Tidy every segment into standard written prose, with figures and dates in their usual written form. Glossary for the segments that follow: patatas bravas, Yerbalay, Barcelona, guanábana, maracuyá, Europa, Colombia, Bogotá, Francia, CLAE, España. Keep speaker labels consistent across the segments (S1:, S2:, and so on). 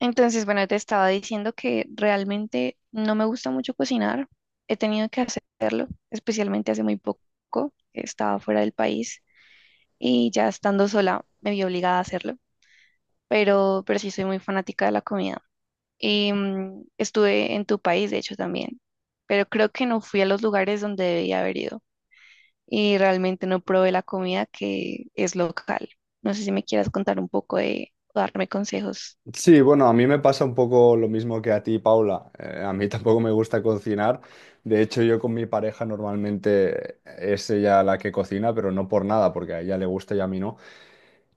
S1: Entonces, bueno, te estaba diciendo que realmente no me gusta mucho cocinar. He tenido que hacerlo, especialmente hace muy poco. Estaba fuera del país y ya estando sola me vi obligada a hacerlo, pero sí soy muy fanática de la comida. Y estuve en tu país, de hecho, también, pero creo que no fui a los lugares donde debía haber ido y realmente no probé la comida que es local. No sé si me quieras contar un poco de, o darme consejos.
S2: Sí, bueno, a mí me pasa un poco lo mismo que a ti, Paula. A mí tampoco me gusta cocinar. De hecho, yo con mi pareja normalmente es ella la que cocina, pero no por nada, porque a ella le gusta y a mí no.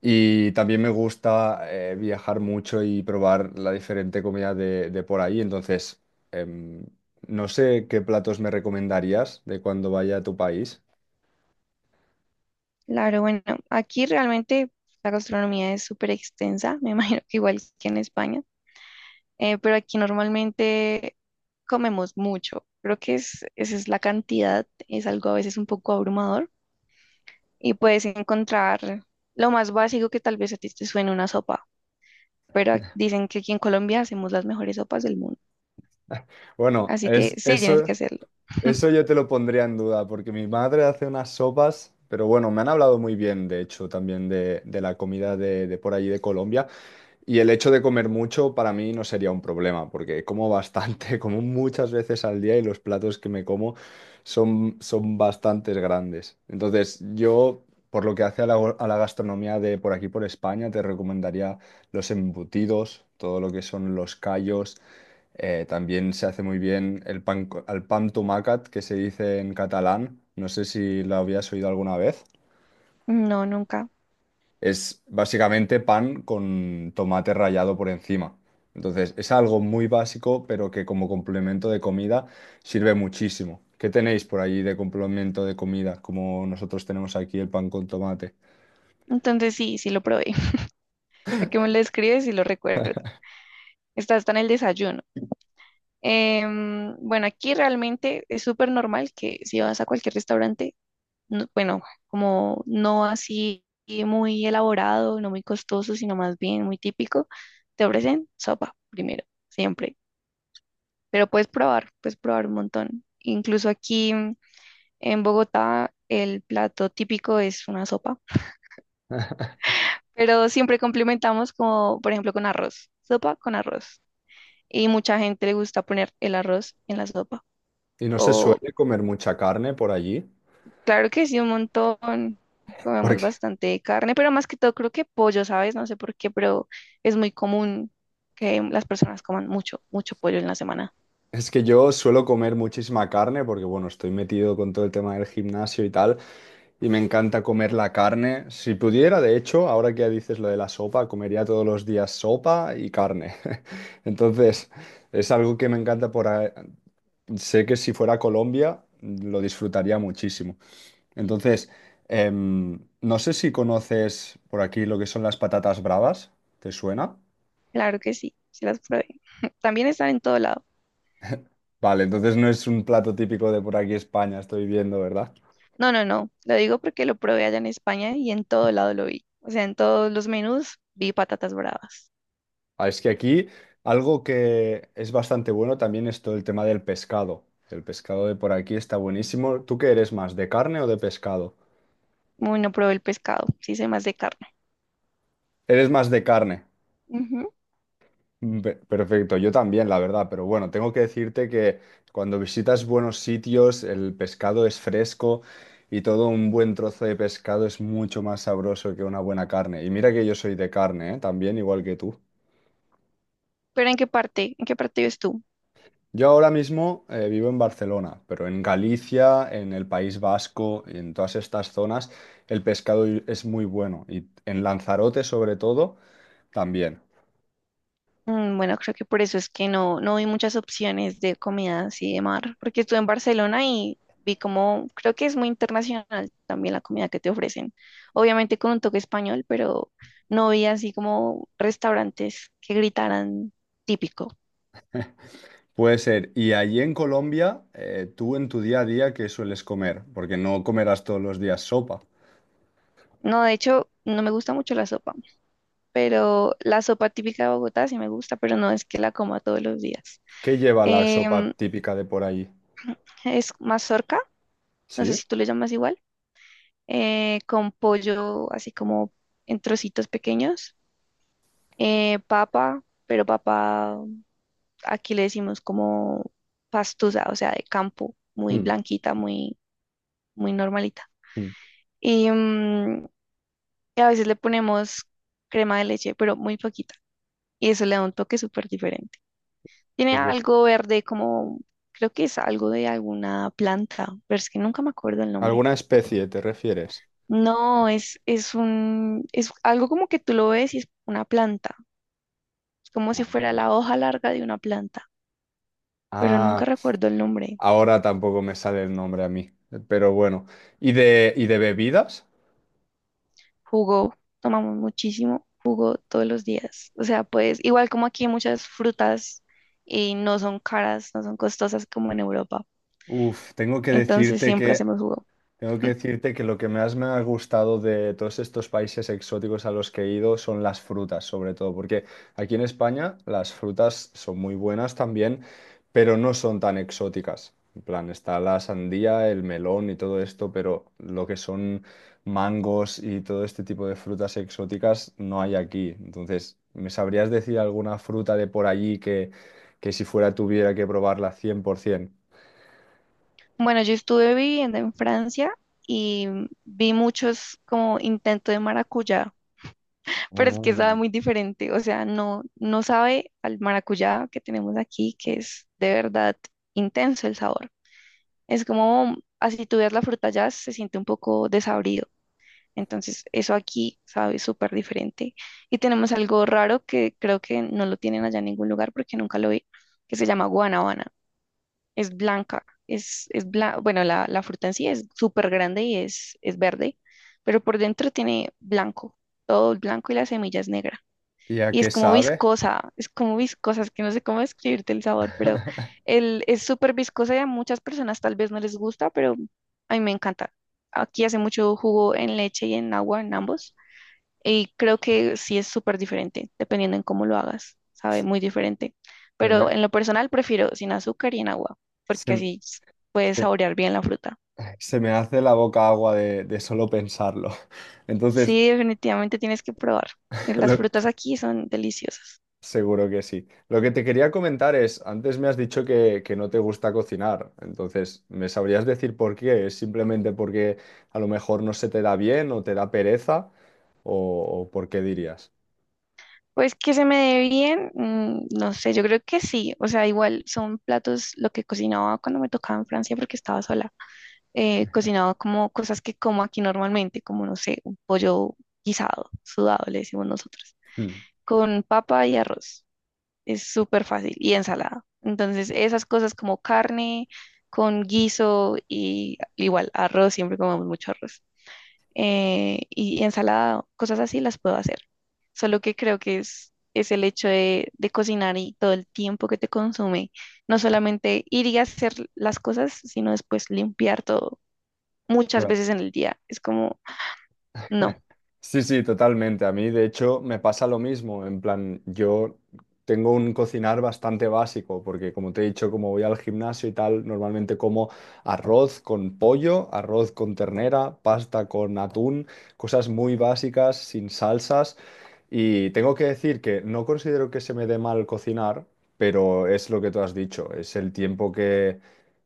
S2: Y también me gusta viajar mucho y probar la diferente comida de por ahí. Entonces, em, no sé qué platos me recomendarías de cuando vaya a tu país.
S1: Claro, bueno, aquí realmente la gastronomía es súper extensa, me imagino que igual que en España, pero aquí normalmente comemos mucho. Creo que es, esa es la cantidad, es algo a veces un poco abrumador y puedes encontrar lo más básico que tal vez a ti te suene una sopa, pero dicen que aquí en Colombia hacemos las mejores sopas del mundo,
S2: Bueno,
S1: así que
S2: es
S1: sí, tienes
S2: eso.
S1: que hacerlo.
S2: Eso yo te lo pondría en duda, porque mi madre hace unas sopas, pero bueno, me han hablado muy bien, de hecho, también de la comida de por allí de Colombia, y el hecho de comer mucho para mí no sería un problema, porque como bastante, como muchas veces al día y los platos que me como son bastantes grandes. Entonces, yo, por lo que hace a a la gastronomía de por aquí, por España, te recomendaría los embutidos, todo lo que son los callos. También se hace muy bien el pan, al pan tomacat, que se dice en catalán. No sé si lo habías oído alguna vez.
S1: No, nunca.
S2: Es básicamente pan con tomate rallado por encima. Entonces, es algo muy básico, pero que como complemento de comida sirve muchísimo. ¿Qué tenéis por allí de complemento de comida, como nosotros tenemos aquí el pan con tomate?
S1: Entonces sí, sí lo probé. ¿A qué me lo escribes y lo recuerdo? Está hasta en el desayuno. Bueno, aquí realmente es súper normal que si vas a cualquier restaurante, bueno, como no así muy elaborado, no muy costoso, sino más bien muy típico, te ofrecen sopa primero, siempre. Pero puedes probar un montón. Incluso aquí en Bogotá el plato típico es una sopa, pero siempre complementamos como, por ejemplo, con arroz, sopa con arroz. Y mucha gente le gusta poner el arroz en la sopa
S2: Y no se
S1: o.
S2: suele comer mucha carne por allí,
S1: Claro que sí, un montón. Comemos
S2: porque
S1: bastante carne, pero más que todo creo que pollo, ¿sabes? No sé por qué, pero es muy común que las personas coman mucho, mucho pollo en la semana.
S2: es que yo suelo comer muchísima carne, porque bueno, estoy metido con todo el tema del gimnasio y tal. Y me encanta comer la carne. Si pudiera, de hecho, ahora que ya dices lo de la sopa, comería todos los días sopa y carne. Entonces, es algo que me encanta Sé que si fuera a Colombia, lo disfrutaría muchísimo. Entonces, no sé si conoces por aquí lo que son las patatas bravas. ¿Te suena?
S1: Claro que sí, sí las probé. También están en todo lado.
S2: Vale, entonces no es un plato típico de por aquí España, estoy viendo, ¿verdad?
S1: No, no, no. Lo digo porque lo probé allá en España y en todo lado lo vi. O sea, en todos los menús vi patatas bravas.
S2: Ah, es que aquí algo que es bastante bueno también es todo el tema del pescado. El pescado de por aquí está buenísimo. ¿Tú qué eres más, de carne o de pescado?
S1: Muy no probé el pescado, sí sé más de carne.
S2: Eres más de carne.
S1: Ujú.
S2: Mm, perfecto, yo también, la verdad, pero bueno, tengo que decirte que cuando visitas buenos sitios, el pescado es fresco y todo un buen trozo de pescado es mucho más sabroso que una buena carne. Y mira que yo soy de carne, ¿eh? También, igual que tú.
S1: Pero ¿en qué parte? ¿En qué parte vives tú?
S2: Yo ahora mismo vivo en Barcelona, pero en Galicia, en el País Vasco, en todas estas zonas, el es muy bueno. Y en Lanzarote, sobre todo, también.
S1: Bueno, creo que por eso es que no, no vi muchas opciones de comida así de mar, porque estuve en Barcelona y vi como, creo que es muy internacional también la comida que te ofrecen. Obviamente con un toque español, pero no vi así como restaurantes que gritaran típico.
S2: Puede ser. Y allí en Colombia, tú en tu día a día, ¿qué sueles comer? Porque no comerás todos los días sopa.
S1: No, de hecho, no me gusta mucho la sopa, pero la sopa típica de Bogotá sí me gusta, pero no es que la coma todos los días.
S2: ¿Qué lleva la sopa
S1: Em,
S2: típica de por allí?
S1: es mazorca, no sé
S2: ¿Sí?
S1: si tú le llamas igual. Con pollo así como en trocitos pequeños, papa, pero papa aquí le decimos como pastusa, o sea, de campo, muy
S2: Mm,
S1: blanquita, muy, muy normalita.
S2: mm,
S1: Y, y a veces le ponemos crema de leche, pero muy poquita, y eso le da un toque súper diferente.
S2: qué
S1: Tiene
S2: bu-
S1: algo verde como, creo que es algo de alguna planta, pero es que nunca me acuerdo el nombre.
S2: ¿alguna especie te refieres?
S1: No, es un, es algo como que tú lo ves y es una planta. Es como si
S2: Ah,
S1: fuera
S2: bien.
S1: la hoja larga de una planta, pero nunca
S2: Ah,
S1: recuerdo el nombre.
S2: ahora tampoco me sale el nombre a mí, pero bueno. ¿Y y de bebidas?
S1: Jugo, tomamos muchísimo jugo todos los días. O sea, pues igual como aquí muchas frutas y no son caras, no son costosas como en Europa.
S2: Uf,
S1: Entonces siempre hacemos jugo.
S2: tengo que decirte que lo que más me ha gustado de todos estos países exóticos a los que he ido son las frutas, sobre todo, porque aquí en España las frutas son muy buenas también, pero no son tan exóticas. En plan, está la sandía, el melón y todo esto, pero lo que son mangos y todo este tipo de frutas exóticas no hay aquí. Entonces, ¿me sabrías decir alguna fruta de por allí que si fuera tuviera que probarla 100%?
S1: Bueno, yo estuve viviendo en Francia y vi muchos como intentos de maracuyá, pero es
S2: Ah,
S1: que sabe muy diferente, o sea, no, no sabe al maracuyá que tenemos aquí, que es de verdad intenso el sabor. Es como, así tú veas la fruta ya, se siente un poco desabrido. Entonces, eso aquí sabe súper diferente. Y tenemos algo raro que creo que no lo tienen allá en ningún lugar porque nunca lo vi, que se llama guanábana. Es blanca, es bueno, la fruta en sí es súper grande y es verde, pero por dentro tiene blanco, todo el blanco y la semilla es negra
S2: ¿y a
S1: y es
S2: qué
S1: como
S2: sabe?
S1: viscosa, es como viscosa, es que no sé cómo describirte el sabor, pero el, es súper viscosa y a muchas personas tal vez no les gusta, pero a mí me encanta. Aquí hace mucho jugo en leche y en agua, en ambos, y creo que sí es súper diferente, dependiendo en cómo lo hagas, sabe, muy diferente.
S2: Se me,
S1: Pero
S2: ha-
S1: en lo personal prefiero sin azúcar y en agua, porque
S2: se-
S1: puedes
S2: se-
S1: saborear bien la fruta.
S2: se me hace la boca agua de solo pensarlo. Entonces,
S1: Sí, definitivamente tienes que probar. Las
S2: lo-
S1: frutas aquí son deliciosas.
S2: seguro que sí. Lo que te quería comentar es, antes me has dicho que no te gusta cocinar. Entonces, ¿me sabrías decir por qué? ¿Es simplemente porque a lo mejor no se te da bien o te da pereza? ¿O, o por qué dirías?
S1: Pues que se me dé bien, no sé, yo creo que sí, o sea, igual son platos lo que cocinaba cuando me tocaba en Francia porque estaba sola, cocinaba como cosas que como aquí normalmente, como no sé, un pollo guisado, sudado, le decimos nosotros,
S2: Mm,
S1: con papa y arroz, es súper fácil, y ensalada, entonces esas cosas como carne con guiso y igual arroz, siempre comemos mucho arroz y ensalada, cosas así las puedo hacer. Solo que creo que es el hecho de cocinar y todo el tiempo que te consume. No solamente ir y hacer las cosas, sino después limpiar todo muchas
S2: claro.
S1: veces en el día. Es como, no.
S2: Sí, sí, totalmente. A mí, de hecho, me pasa lo mismo. En plan, yo tengo un cocinar bastante básico, porque como te he dicho, como voy al gimnasio y tal, normalmente como arroz con pollo, arroz con ternera, pasta con atún, cosas muy básicas, sin salsas. Y tengo que decir que no considero que se me dé mal cocinar, pero es lo que tú has dicho, es el tiempo que,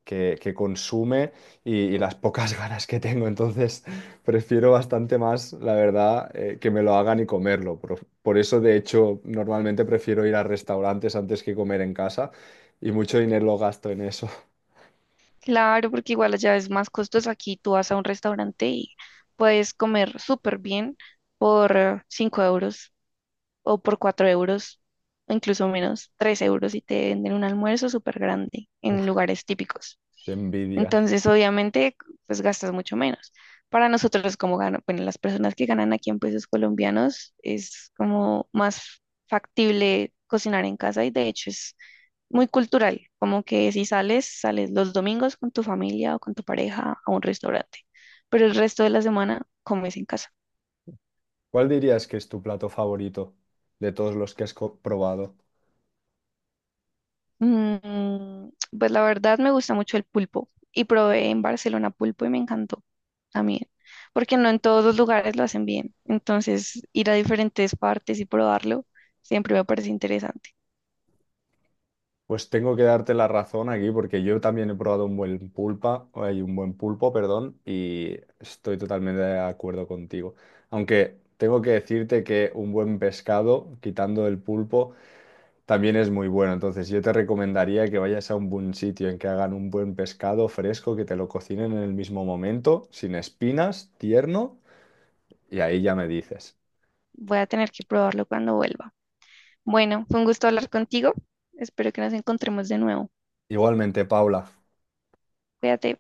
S2: que, que consume y las pocas ganas que tengo. Entonces, prefiero bastante más, la verdad, que me lo hagan y comerlo. Por eso, de hecho, normalmente prefiero ir a restaurantes antes que comer en casa y mucho dinero lo gasto en eso.
S1: Claro, porque igual allá es más costoso. Aquí tú vas a un restaurante y puedes comer súper bien por 5 euros o por 4 euros, o incluso menos, 3 euros y te venden un almuerzo súper grande en
S2: Uf,
S1: lugares típicos.
S2: qué envidia.
S1: Entonces, obviamente, pues gastas mucho menos. Para nosotros, como gano, bueno, las personas que ganan aquí en pesos colombianos, es como más factible cocinar en casa y de hecho es muy cultural, como que si sales, sales los domingos con tu familia o con tu pareja a un restaurante, pero el resto de la semana comes en casa.
S2: ¿Cuál dirías que es tu plato favorito de todos los que has probado?
S1: Mm, pues la verdad me gusta mucho el pulpo y probé en Barcelona pulpo y me encantó también, porque no en todos los lugares lo hacen bien. Entonces, ir a diferentes partes y probarlo siempre me parece interesante.
S2: Pues tengo que darte la razón aquí porque yo también he probado un buen pulpa, hay un buen pulpo, perdón, y estoy totalmente de acuerdo contigo. Aunque tengo que decirte que un buen pescado, quitando el pulpo, también es muy bueno. Entonces yo te recomendaría que vayas a un buen sitio en que hagan un buen pescado fresco, que te lo cocinen en el mismo momento, sin espinas, tierno, y ahí ya me dices.
S1: Voy a tener que probarlo cuando vuelva. Bueno, fue un gusto hablar contigo. Espero que nos encontremos de nuevo.
S2: Igualmente, Paula.
S1: Cuídate.